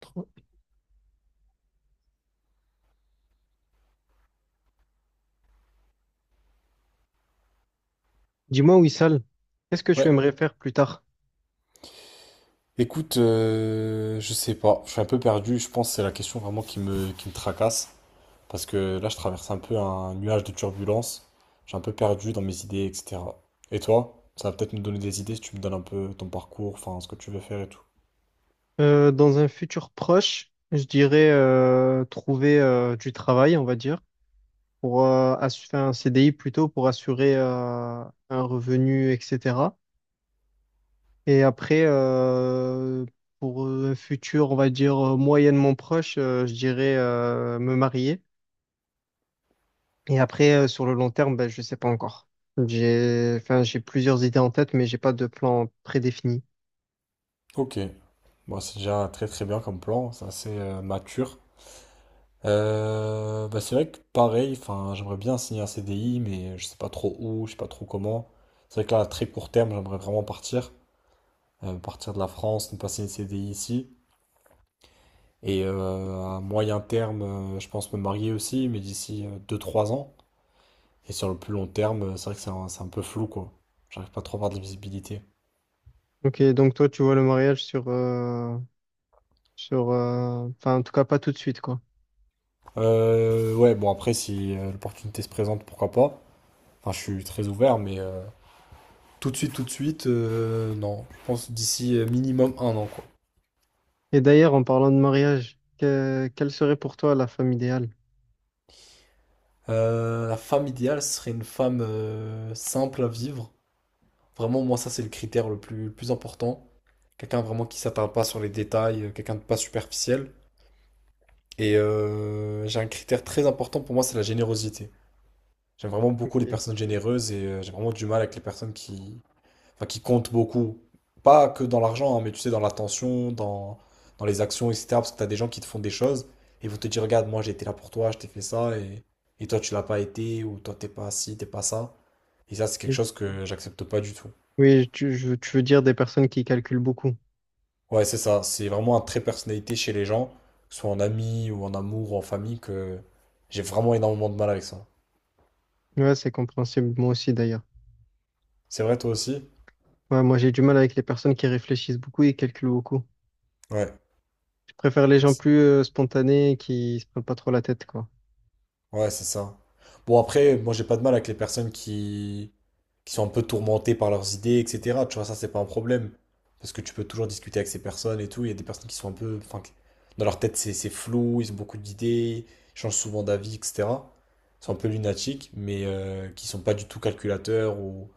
Trop. Dis-moi, Wissal, qu'est-ce que tu Ouais. aimerais faire plus tard? Écoute, je sais pas, je suis un peu perdu. Je pense que c'est la question vraiment qui me tracasse, parce que là je traverse un peu un nuage de turbulence, je suis un peu perdu dans mes idées, etc. Et toi, ça va peut-être me donner des idées si tu me donnes un peu ton parcours, enfin ce que tu veux faire et tout. Dans un futur proche, je dirais trouver du travail, on va dire, pour faire un CDI plutôt pour assurer un revenu, etc. Et après, pour un futur, on va dire moyennement proche, je dirais me marier. Et après, sur le long terme, ben, je ne sais pas encore. J'ai plusieurs idées en tête, mais j'ai pas de plan prédéfini. Ok, bon c'est déjà très très bien comme plan, c'est assez mature. Bah, c'est vrai que pareil, enfin j'aimerais bien signer un CDI, mais je sais pas trop où, je sais pas trop comment. C'est vrai que là à très court terme, j'aimerais vraiment partir. Partir de la France, me passer une CDI ici. Et à moyen terme, je pense me marier aussi, mais d'ici 2 ou 3 ans. Et sur le plus long terme, c'est vrai que c'est un peu flou, quoi. J'arrive pas trop à avoir de la visibilité. Ok, donc toi, tu vois le mariage en tout cas, pas tout de suite, quoi. Ouais, bon, après, si l'opportunité se présente, pourquoi pas. Enfin, je suis très ouvert, mais tout de suite, non. Je pense d'ici minimum 1 an, quoi. Et d'ailleurs, en parlant de mariage, quelle serait pour toi la femme idéale? La femme idéale serait une femme simple à vivre. Vraiment, moi, ça, c'est le critère le plus important. Quelqu'un vraiment qui s'attarde pas sur les détails, quelqu'un de pas superficiel. Et j'ai un critère très important pour moi, c'est la générosité. J'aime vraiment beaucoup les Ok. personnes généreuses et j'ai vraiment du mal avec les personnes qui, enfin, qui comptent beaucoup. Pas que dans l'argent, hein, mais tu sais, dans l'attention, dans, dans les actions, etc. Parce que tu as des gens qui te font des choses et ils vont te dire, regarde, moi j'ai été là pour toi, je t'ai fait ça et toi tu l'as pas été ou toi t'es pas ci, t'es pas ça. Et ça, c'est quelque Oui. chose que j'accepte pas du tout. Tu veux dire des personnes qui calculent beaucoup. Ouais, c'est ça. C'est vraiment un trait de personnalité chez les gens, que ce soit en ami ou en amour ou en famille, que j'ai vraiment énormément de mal avec ça. Ouais, c'est compréhensible, moi aussi d'ailleurs. C'est vrai, toi aussi? Ouais, moi j'ai du mal avec les personnes qui réfléchissent beaucoup et calculent beaucoup. Ouais. Je préfère les gens Ex- plus spontanés qui se prennent pas trop la tête, quoi. Ouais, c'est ça. Bon, après, moi, j'ai pas de mal avec les personnes qui sont un peu tourmentées par leurs idées, etc. Tu vois, ça, c'est pas un problème. Parce que tu peux toujours discuter avec ces personnes et tout. Il y a des personnes qui sont un peu. Enfin, qui- dans leur tête, c'est flou, ils ont beaucoup d'idées, ils changent souvent d'avis, etc. Ils sont un peu lunatiques, mais qui sont pas du tout calculateurs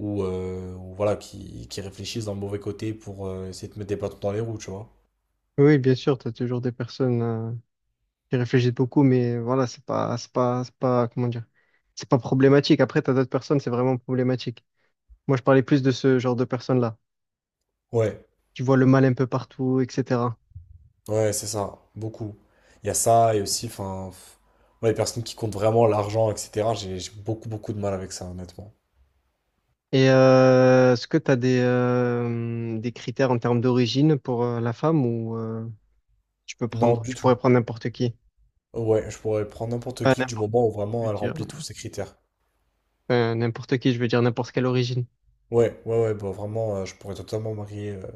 ou voilà, qui réfléchissent d'un mauvais côté pour essayer de te mettre des bâtons dans les roues, tu vois. Oui, bien sûr, t'as toujours des personnes. J'y réfléchis beaucoup, mais voilà, c'est pas, comment dire, c'est pas problématique. Après, t'as d'autres personnes, c'est vraiment problématique. Moi, je parlais plus de ce genre de personnes-là, Ouais, qui voient le mal un peu partout, etc. ouais, c'est ça, beaucoup. Il y a ça, et aussi, enfin, pff, moi, les personnes qui comptent vraiment l'argent, etc., j'ai beaucoup, beaucoup de mal avec ça, honnêtement. Et est-ce que des critères en termes d'origine pour la femme ou Non, du tu pourrais tout. prendre n'importe qui? Ouais, je pourrais prendre n'importe Enfin, qui du n'importe- moment où je veux vraiment elle dire, remplit tous ses critères. N'importe qui, je veux dire n'importe quelle origine. Ouais, ouais, ouais, bah vraiment, je pourrais totalement marier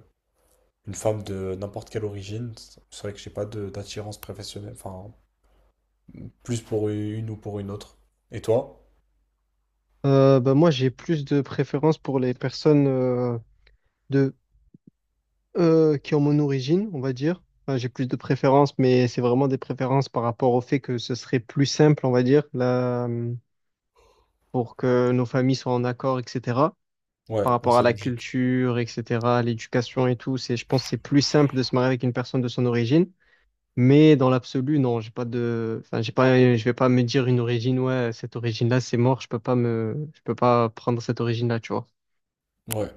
une femme de n'importe quelle origine. C'est vrai que j'ai pas de- d'attirance professionnelle, enfin, plus pour une ou pour une autre. Et toi? Bah, moi, j'ai plus de préférence pour les personnes de qui ont mon origine, on va dire. Enfin, j'ai plus de préférences, mais c'est vraiment des préférences par rapport au fait que ce serait plus simple, on va dire, pour que nos familles soient en accord, etc. Ouais, Par bon, rapport à c'est la logique. culture, etc., à l'éducation et tout, c'est, je pense que c'est plus simple de se marier avec une personne de son origine. Mais dans l'absolu, non, j'ai pas de, enfin, j'ai pas, je vais pas me dire une origine, ouais, cette origine-là, c'est mort, je peux pas prendre cette origine-là, tu vois. Ouais.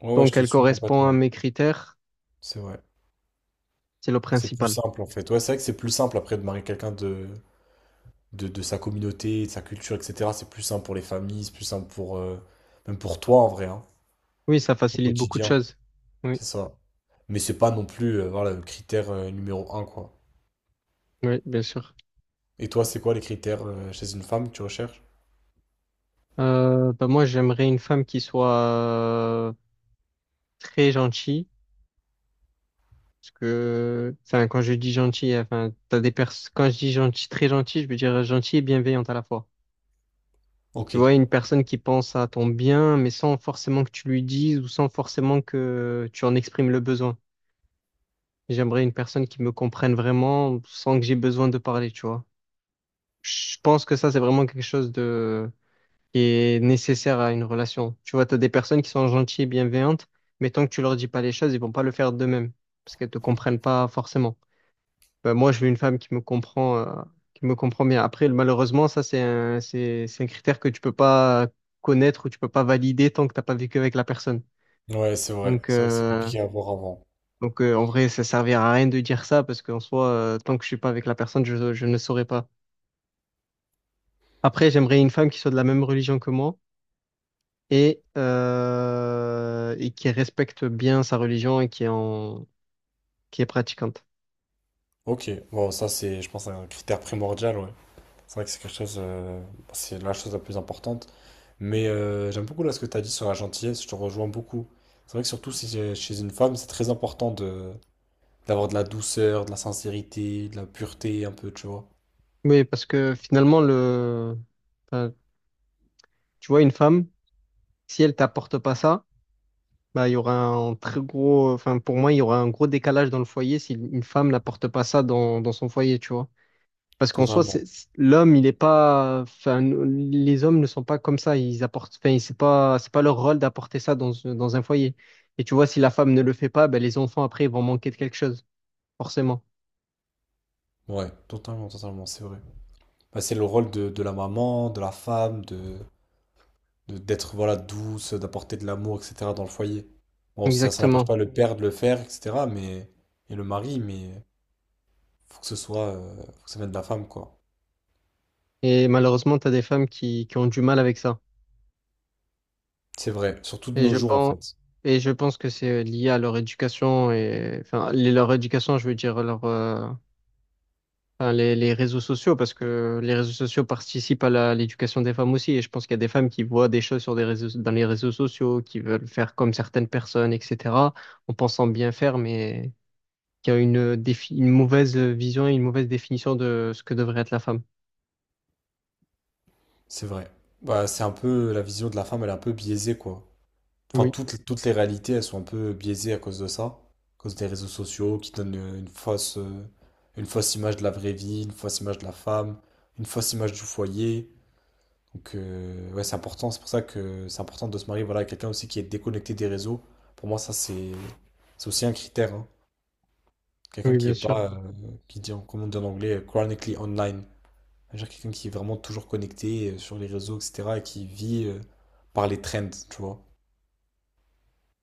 Ouais, ouais, je Donc, te elle suis correspond à complètement. mes critères, C'est vrai. c'est le C'est plus principal. simple en fait. Ouais, c'est vrai que c'est plus simple après de marier quelqu'un de sa communauté, de sa culture, etc. C'est plus simple pour les familles, c'est plus simple pour même pour toi en vrai, hein, Oui, ça au facilite beaucoup de quotidien. choses. Oui, C'est ça. Mais c'est pas non plus voilà, le critère numéro un, quoi. oui, bien sûr. Et toi, c'est quoi les critères chez une femme que tu recherches? Bah moi, j'aimerais une femme qui soit euh, très gentille. Parce que, enfin, quand je dis gentille, enfin, t'as des pers quand je dis gentil, très gentille, je veux dire gentille et bienveillante à la fois. Ok. Tu vois, une personne qui pense à ton bien, mais sans forcément que tu lui dises ou sans forcément que tu en exprimes le besoin. J'aimerais une personne qui me comprenne vraiment sans que j'ai besoin de parler, tu vois. Je pense que ça, c'est vraiment quelque chose qui est nécessaire à une relation. Tu vois, tu as des personnes qui sont gentilles et bienveillantes, mais tant que tu leur dis pas les choses, ils vont pas le faire d'eux-mêmes, parce qu'elles te comprennent pas forcément. Ben, moi, je veux une femme qui me comprend bien. Après, malheureusement, ça, c'est un critère que tu peux pas connaître ou tu peux pas valider tant que t'as pas vécu avec la personne. Ouais, c'est vrai. Donc, C'est vrai que c'est euh, compliqué à voir avant. donc, en vrai, ça servira à rien de dire ça, parce qu'en soi, tant que je suis pas avec la personne, je ne saurais pas. Après, j'aimerais une femme qui soit de la même religion que moi et et qui respecte bien sa religion et qui est pratiquante. Ok. Bon, ça c'est, je pense, un critère primordial, ouais. C'est vrai que c'est quelque chose, c'est la chose la plus importante. Mais j'aime beaucoup là ce que tu as dit sur la gentillesse, je te rejoins beaucoup. C'est vrai que surtout si j'ai- chez une femme, c'est très important de d'avoir de la douceur, de la sincérité, de la pureté un peu, tu vois. Oui, parce que finalement, enfin, tu vois, une femme, si elle t'apporte pas ça, bah, il y aura un très gros, enfin, pour moi, il y aura un gros décalage dans le foyer si une femme n'apporte pas ça dans son foyer, tu vois. Parce qu'en soi, Totalement. L'homme, il est pas, enfin, les hommes ne sont pas comme ça. Ils apportent, enfin, c'est pas leur rôle d'apporter ça dans un foyer. Et tu vois, si la femme ne le fait pas, ben, les enfants après, ils vont manquer de quelque chose, forcément. Ouais, totalement, totalement, c'est vrai. Bah, c'est le rôle de la maman, de la femme, d'être voilà douce, d'apporter de l'amour, etc. dans le foyer. Bon, ça n'empêche Exactement. pas le père de le faire, etc. Mais et le mari, mais faut que ce soit, faut que ça vienne de la femme, quoi. Et malheureusement, tu as des femmes qui ont du mal avec ça. C'est vrai, surtout de Et nos je jours en pense, fait. et je pense que c'est lié à leur éducation et, leur éducation, je veux dire, les réseaux sociaux, parce que les réseaux sociaux participent à à l'éducation des femmes aussi. Et je pense qu'il y a des femmes qui voient des choses sur des réseaux, dans les réseaux sociaux, qui veulent faire comme certaines personnes, etc., en pensant bien faire, mais qui a une mauvaise vision et une mauvaise définition de ce que devrait être la femme. C'est vrai. Bah, c'est un peu la vision de la femme, elle est un peu biaisée quoi. Enfin, Oui, toutes, toutes les réalités, elles sont un peu biaisées à cause de ça, à cause des réseaux sociaux qui donnent une fausse image de la vraie vie, une fausse image de la femme, une fausse image du foyer. Donc ouais, c'est important. C'est pour ça que c'est important de se marier voilà, à quelqu'un aussi qui est déconnecté des réseaux. Pour moi, ça c'est aussi un critère, hein. Quelqu'un oui, qui bien est sûr. pas qui dit comment on dit en anglais chronically online. C'est-à-dire quelqu'un qui est vraiment toujours connecté sur les réseaux, etc., et qui vit par les trends, tu vois.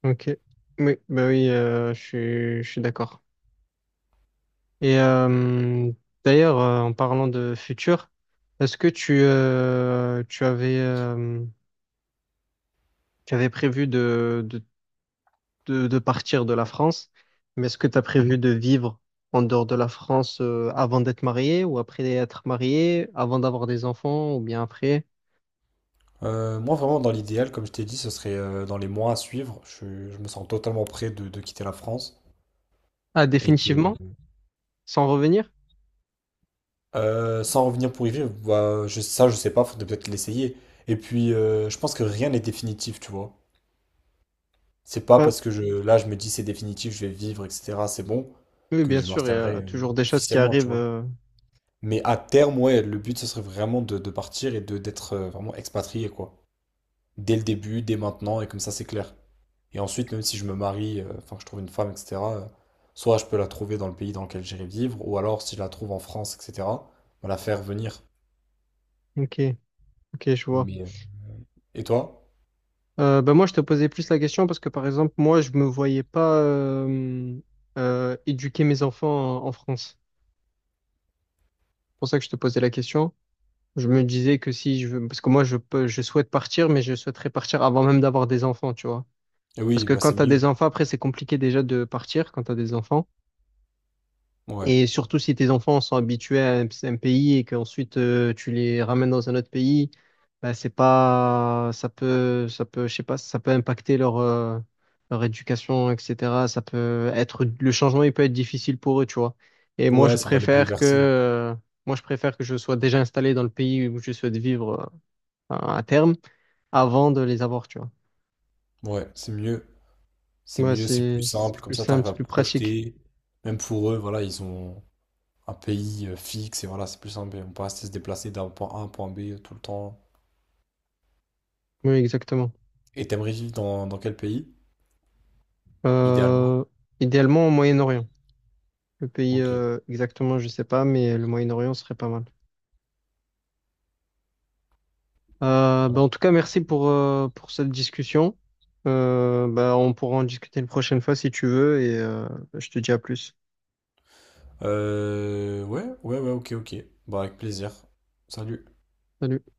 Ok. Oui, bah oui, je suis d'accord. Et d'ailleurs, en parlant de futur, est-ce que tu avais prévu de partir de la France, mais est-ce que tu as prévu de vivre en dehors de la France avant d'être marié ou après être marié, avant d'avoir des enfants ou bien après? Moi, vraiment, dans l'idéal, comme je t'ai dit, ce serait dans les mois à suivre. Je me sens totalement prêt de quitter la France. Ah, Et définitivement, de... sans revenir? Sans revenir pour y vivre, bah, je, ça, je sais pas, faudrait peut-être l'essayer. Et puis, je pense que rien n'est définitif, tu vois. C'est pas Ben, parce que je, là, je me dis c'est définitif, je vais vivre, etc., c'est bon, oui, que bien je sûr, il y m'installerai a toujours des choses qui officiellement, tu arrivent. vois. euh, Mais à terme, ouais, le but, ce serait vraiment de partir et de d'être vraiment expatrié, quoi. Dès le début, dès maintenant, et comme ça, c'est clair. Et ensuite, même si je me marie, enfin, que je trouve une femme, etc., soit je peux la trouver dans le pays dans lequel j'irai vivre, ou alors, si je la trouve en France, etc., bah, la faire venir. Ok, ok, je vois. Mais... et toi? Ben moi, je te posais plus la question parce que, par exemple, moi, je me voyais pas éduquer mes enfants en France. C'est pour ça que je te posais la question. Je me disais que si je veux, parce que moi je peux, je souhaite partir, mais je souhaiterais partir avant même d'avoir des enfants, tu vois. Eh Parce oui, que bah, quand c'est t'as mieux. des enfants, après c'est compliqué déjà de partir quand t'as des enfants. Ouais. Et surtout si tes enfants sont habitués à un pays et qu'ensuite tu les ramènes dans un autre pays, bah c'est pas, ça peut, je sais pas, ça peut impacter leur éducation, etc. Ça peut être, le changement il peut être difficile pour eux, tu vois. Et moi Ouais, je ça va les préfère que, bouleverser. euh, Moi je préfère que je sois déjà installé dans le pays où je souhaite vivre à terme avant de les avoir, tu vois. Ouais, c'est mieux. C'est Ouais, mieux, c'est plus c'est simple, comme plus ça, simple, t'arrives c'est à plus te pratique. projeter. Même pour eux, voilà, ils ont... un pays fixe et voilà, c'est plus simple. On peut rester se déplacer d'un point A à un point B tout le temps. Oui, exactement. Et t'aimerais vivre dans, dans quel pays, idéalement? Euh, Idéalement au Moyen-Orient. Le pays Ok. Exactement, je sais pas, mais le Moyen-Orient serait pas mal. Ben, Ouais. en tout cas, merci pour cette discussion. Ben, on pourra en discuter une prochaine fois si tu veux et je te dis à plus. Ouais, ok, ok. Bah, avec plaisir. Salut. Salut.